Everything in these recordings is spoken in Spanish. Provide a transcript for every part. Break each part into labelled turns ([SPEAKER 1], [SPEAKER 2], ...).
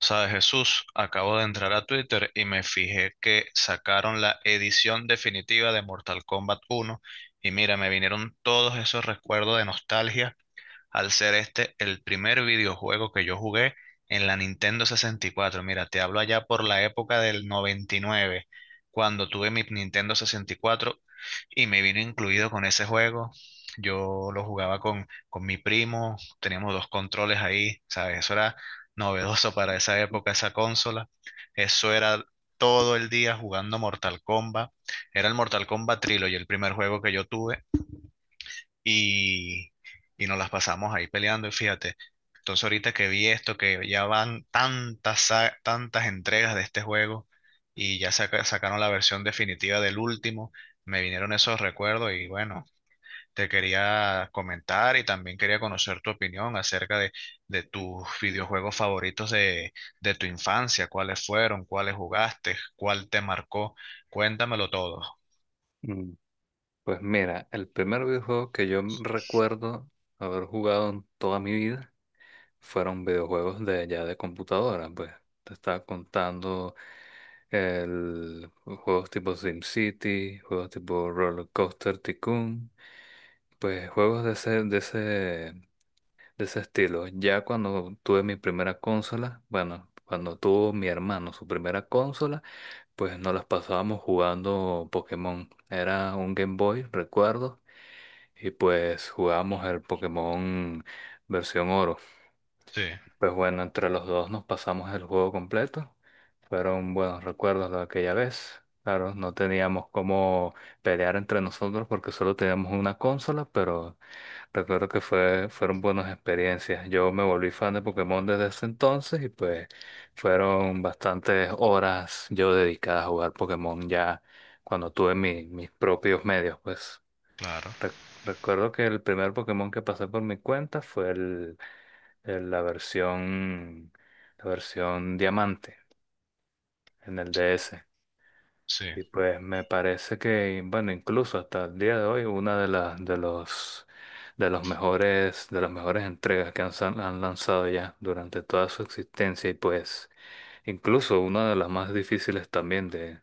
[SPEAKER 1] Sabes, Jesús, acabo de entrar a Twitter y me fijé que sacaron la edición definitiva de Mortal Kombat 1 y mira, me vinieron todos esos recuerdos de nostalgia al ser este el primer videojuego que yo jugué en la Nintendo 64. Mira, te hablo allá por la época del 99, cuando tuve mi Nintendo 64 y me vino incluido con ese juego. Yo lo jugaba con mi primo, teníamos dos controles ahí, ¿sabes? Eso era novedoso para esa época, esa consola. Eso era todo el día jugando Mortal Kombat. Era el Mortal Kombat Trilogy, el primer juego que yo tuve y, y nos las pasamos ahí peleando y fíjate. Entonces ahorita que vi esto, que ya van tantas entregas de este juego y ya sacaron la versión definitiva del último, me vinieron esos recuerdos y bueno, te quería comentar y también quería conocer tu opinión acerca de tus videojuegos favoritos de tu infancia, cuáles fueron, cuáles jugaste, cuál te marcó. Cuéntamelo todo.
[SPEAKER 2] Mm, Pues mira, el primer videojuego que yo recuerdo haber jugado en toda mi vida fueron videojuegos de ya de computadora, pues te estaba contando el juegos tipo SimCity, juegos tipo Roller Coaster Tycoon, pues juegos de ese estilo. Ya cuando tuve mi primera consola, bueno, cuando tuvo mi hermano su primera consola, pues nos las pasábamos jugando Pokémon. Era un Game Boy, recuerdo, y pues jugamos el Pokémon versión oro.
[SPEAKER 1] Sí,
[SPEAKER 2] Pues bueno, entre los dos nos pasamos el juego completo. Fueron buenos recuerdos de aquella vez. Claro, no teníamos cómo pelear entre nosotros porque solo teníamos una consola, pero recuerdo que fueron buenas experiencias. Yo me volví fan de Pokémon desde ese entonces y pues fueron bastantes horas yo dedicadas a jugar Pokémon ya cuando tuve mis propios medios, pues.
[SPEAKER 1] claro,
[SPEAKER 2] Re- Recuerdo que el primer Pokémon que pasé por mi cuenta fue el- la versión, la versión diamante en el DS.
[SPEAKER 1] sí.
[SPEAKER 2] Y pues me parece que, bueno, incluso hasta el día de hoy, una de las de las mejores entregas que han lanzado ya durante toda su existencia. Y pues incluso una de las más difíciles también,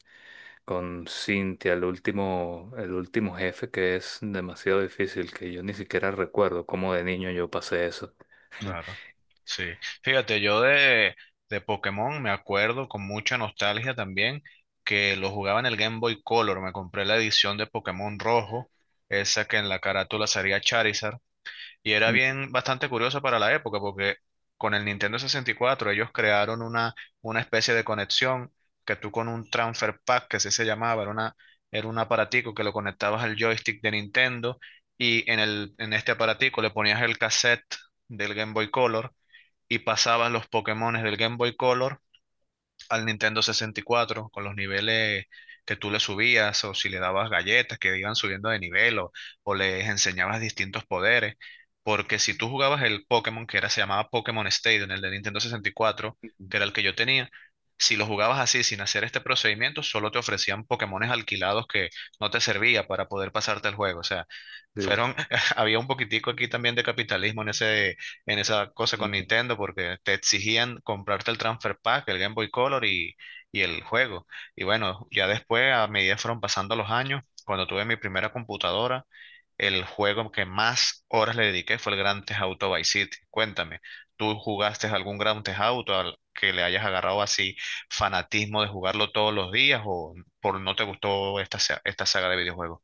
[SPEAKER 2] con Cintia, el último jefe, que es demasiado difícil, que yo ni siquiera recuerdo cómo de niño yo pasé eso.
[SPEAKER 1] Claro, sí. Fíjate, yo de Pokémon me acuerdo con mucha nostalgia también, que lo jugaba en el Game Boy Color. Me compré la edición de Pokémon Rojo, esa que en la carátula salía Charizard. Y era
[SPEAKER 2] Mm,
[SPEAKER 1] bien bastante curioso para la época, porque con el Nintendo 64 ellos crearon una especie de conexión, que tú con un transfer pack, que así se llamaba, era era un aparatico que lo conectabas al joystick de Nintendo, y en en este aparatico le ponías el cassette del Game Boy Color y pasabas los Pokémones del Game Boy Color al Nintendo 64 con los niveles que tú le subías, o si le dabas galletas que iban subiendo de nivel, o les enseñabas distintos poderes. Porque si tú jugabas el Pokémon, que era, se llamaba Pokémon Stadium, el de Nintendo 64, que era el que yo tenía, si lo jugabas así sin hacer este procedimiento, solo te ofrecían Pokémones alquilados que no te servía para poder pasarte el juego. O sea,
[SPEAKER 2] de-
[SPEAKER 1] fueron, había un poquitico aquí también de capitalismo en ese, en esa cosa con
[SPEAKER 2] mm,
[SPEAKER 1] Nintendo, porque te exigían comprarte el Transfer Pack, el Game Boy Color y el juego. Y bueno, ya después, a medida que fueron pasando los años, cuando tuve mi primera computadora, el juego que más horas le dediqué fue el Grand Theft Auto Vice City. Cuéntame, ¿tú jugaste algún Grand Theft Auto al que le hayas agarrado así fanatismo de jugarlo todos los días, o por no te gustó esta saga de videojuegos?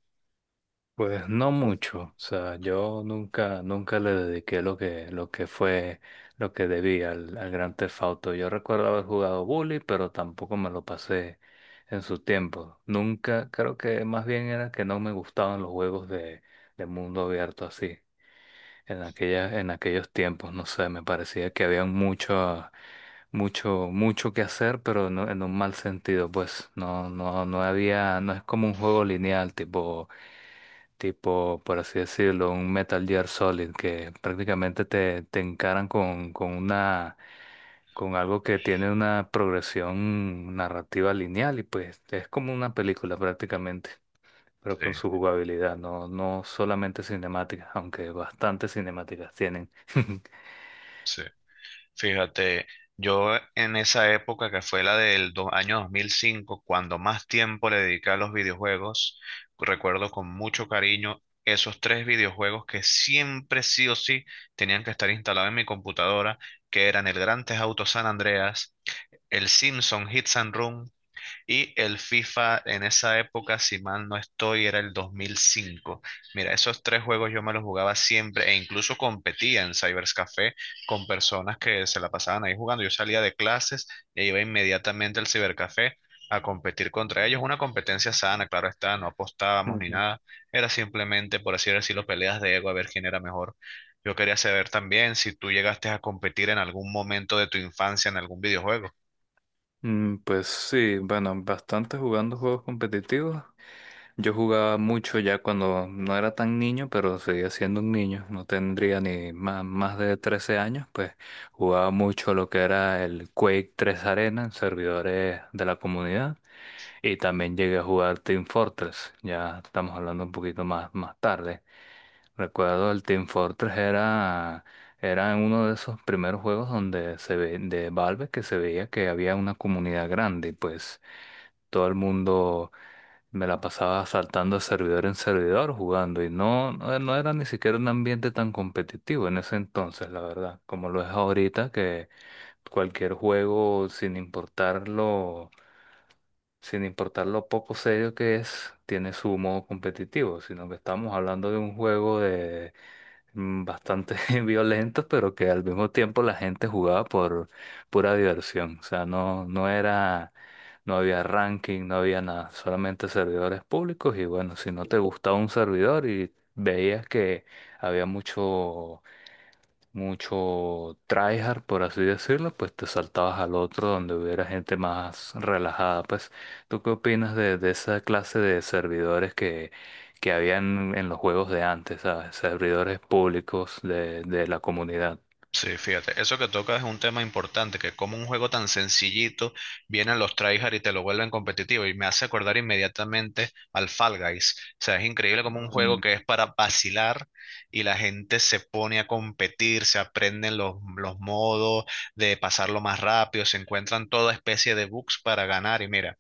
[SPEAKER 2] Pues no mucho, o sea, yo nunca le dediqué lo que debía al, al Grand Theft Auto. Yo recuerdo haber jugado Bully, pero tampoco me lo pasé en su tiempo. Nunca, creo que más bien era que no me gustaban los juegos de mundo abierto así. En aquellos tiempos, no sé, me parecía que había mucho, mucho, mucho que hacer, pero no, en un mal sentido, pues no, no, no había, no es como un juego lineal, tipo, por así decirlo, un Metal Gear Solid, que prácticamente te encaran con algo que tiene una progresión narrativa lineal, y pues es como una película prácticamente, pero
[SPEAKER 1] Sí,
[SPEAKER 2] con su jugabilidad, no, no solamente cinemáticas, aunque bastantes cinemáticas tienen.
[SPEAKER 1] sí. Fíjate, yo en esa época que fue la del año 2005, cuando más tiempo le dediqué a los videojuegos, recuerdo con mucho cariño esos tres videojuegos que siempre sí o sí tenían que estar instalados en mi computadora, que eran el Grand Theft Auto San Andreas, el Simpson Hits and Run y el FIFA, en esa época, si mal no estoy, era el 2005. Mira, esos tres juegos yo me los jugaba siempre, e incluso competía en Cybers Café con personas que se la pasaban ahí jugando. Yo salía de clases e iba inmediatamente al Cibercafé a competir contra ellos. Una competencia sana, claro está, no apostábamos ni
[SPEAKER 2] Ujú.
[SPEAKER 1] nada. Era simplemente, por así decirlo, peleas de ego a ver quién era mejor. Yo quería saber también si tú llegaste a competir en algún momento de tu infancia en algún videojuego.
[SPEAKER 2] Pues sí, bueno, bastante jugando juegos competitivos. Yo jugaba mucho ya cuando no era tan niño, pero seguía siendo un niño. No tendría ni más de 13 años, pues jugaba mucho lo que era el Quake 3 Arena en servidores de la comunidad. Y también llegué a jugar Team Fortress. Ya estamos hablando un poquito más tarde. Recuerdo, el Team Fortress era uno de esos primeros juegos donde de Valve, que se veía que había una comunidad grande, y pues todo el mundo me la pasaba saltando de servidor en servidor jugando, y no, no era ni siquiera un ambiente tan competitivo en ese entonces, la verdad, como lo es ahorita, que cualquier juego, sin importar lo poco serio que es, tiene su modo competitivo, sino que estamos hablando de un juego de bastante violento, pero que al mismo tiempo la gente jugaba por pura diversión. O sea, no, no había ranking, no había nada, solamente servidores públicos, y bueno, si no te gustaba un servidor y veías que había mucho mucho tryhard, por así decirlo, pues te saltabas al otro donde hubiera gente más relajada. Pues, ¿tú qué opinas de esa clase de servidores que habían en los juegos de antes, ¿sabes? Servidores públicos de la comunidad.
[SPEAKER 1] Sí, fíjate, eso que tocas es un tema importante, que como un juego tan sencillito vienen los tryhard y te lo vuelven competitivo, y me hace acordar inmediatamente al Fall Guys. O sea, es increíble como un juego
[SPEAKER 2] Mm,
[SPEAKER 1] que es para vacilar y la gente se pone a competir, se aprenden los modos de pasarlo más rápido, se encuentran toda especie de bugs para ganar, y mira.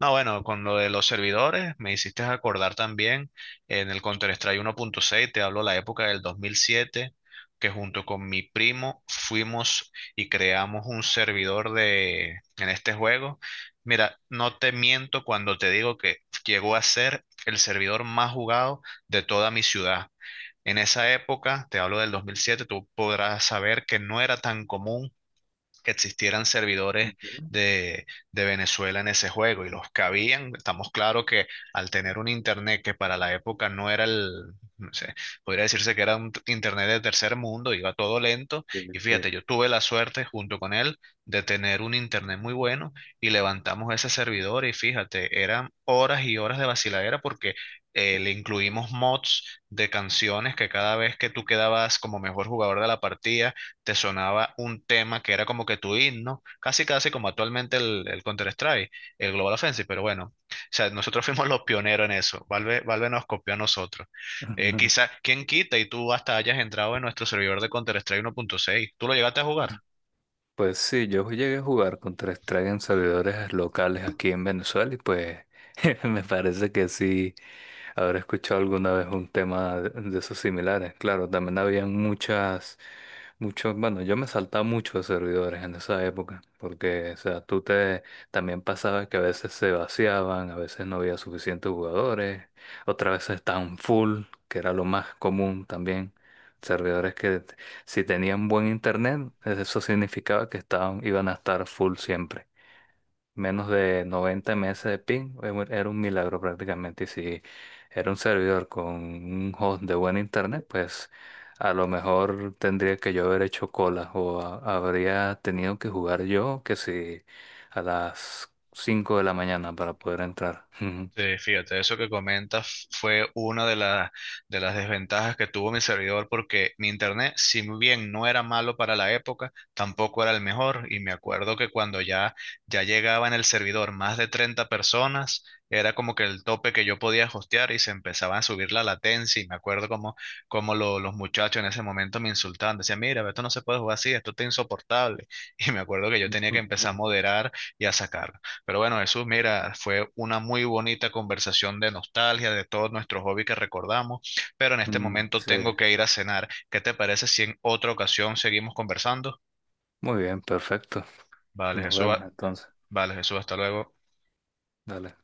[SPEAKER 1] No, bueno, con lo de los servidores me hiciste acordar también en el Counter-Strike 1.6, te hablo la época del 2007, que junto con mi primo fuimos y creamos un servidor de en este juego. Mira, no te miento cuando te digo que llegó a ser el servidor más jugado de toda mi ciudad. En esa época, te hablo del 2007, tú podrás saber que no era tan común que existieran servidores
[SPEAKER 2] ujú.
[SPEAKER 1] de, de Venezuela en ese juego, y los que habían, estamos claro que, al tener un internet que para la época no era el, no sé, podría decirse que era un internet de tercer mundo, iba todo lento.
[SPEAKER 2] Sí,
[SPEAKER 1] Y
[SPEAKER 2] sí.
[SPEAKER 1] fíjate, yo tuve la suerte junto con él de tener un internet muy bueno, y levantamos ese servidor y fíjate, eran horas y horas de vaciladera porque le incluimos mods de canciones, que cada vez que tú quedabas como mejor jugador de la partida, te sonaba un tema que era como que tu himno, casi casi como actualmente el, Counter-Strike, el Global Offensive, pero bueno, o sea, nosotros fuimos los pioneros en eso, Valve nos copió a nosotros. Eh, quizá, ¿quién quita y tú hasta hayas entrado en nuestro servidor de Counter-Strike 1.6? ¿Tú lo llegaste a jugar?
[SPEAKER 2] Pues sí, yo llegué a jugar contra strike en servidores locales aquí en Venezuela, y pues me parece que sí habré escuchado alguna vez un tema de esos similares. Claro, también habían bueno, yo me saltaba muchos servidores en esa época porque, o sea, también pasaba que a veces se vaciaban, a veces no había suficientes jugadores, otras veces estaban full, que era lo más común también, servidores que si tenían buen internet, eso significaba que iban a estar full siempre. Menos de 90 ms de ping era un milagro prácticamente. Y si era un servidor con un host de buen internet, pues a lo mejor tendría que yo haber hecho cola, o habría tenido que jugar yo, que si a las 5 de la mañana, para poder entrar.
[SPEAKER 1] Sí, fíjate, eso que comentas fue una de las desventajas que tuvo mi servidor, porque mi internet, si bien no era malo para la época, tampoco era el mejor. Y me acuerdo que cuando ya llegaba en el servidor más de 30 personas, era como que el tope que yo podía hostear, y se empezaba a subir la latencia. Y me acuerdo como los muchachos en ese momento me insultaban, decían, mira, esto no se puede jugar así, esto está insoportable. Y me acuerdo que yo tenía que empezar a moderar y a sacar. Pero bueno, Jesús, mira, fue una muy bonita conversación de nostalgia, de todos nuestros hobbies que recordamos, pero en este
[SPEAKER 2] Mm,
[SPEAKER 1] momento
[SPEAKER 2] sí.
[SPEAKER 1] tengo que ir a cenar. ¿Qué te parece si en otra ocasión seguimos conversando?
[SPEAKER 2] Muy bien, perfecto.
[SPEAKER 1] Vale,
[SPEAKER 2] Nos
[SPEAKER 1] Jesús,
[SPEAKER 2] vemos entonces.
[SPEAKER 1] hasta luego.
[SPEAKER 2] Dale.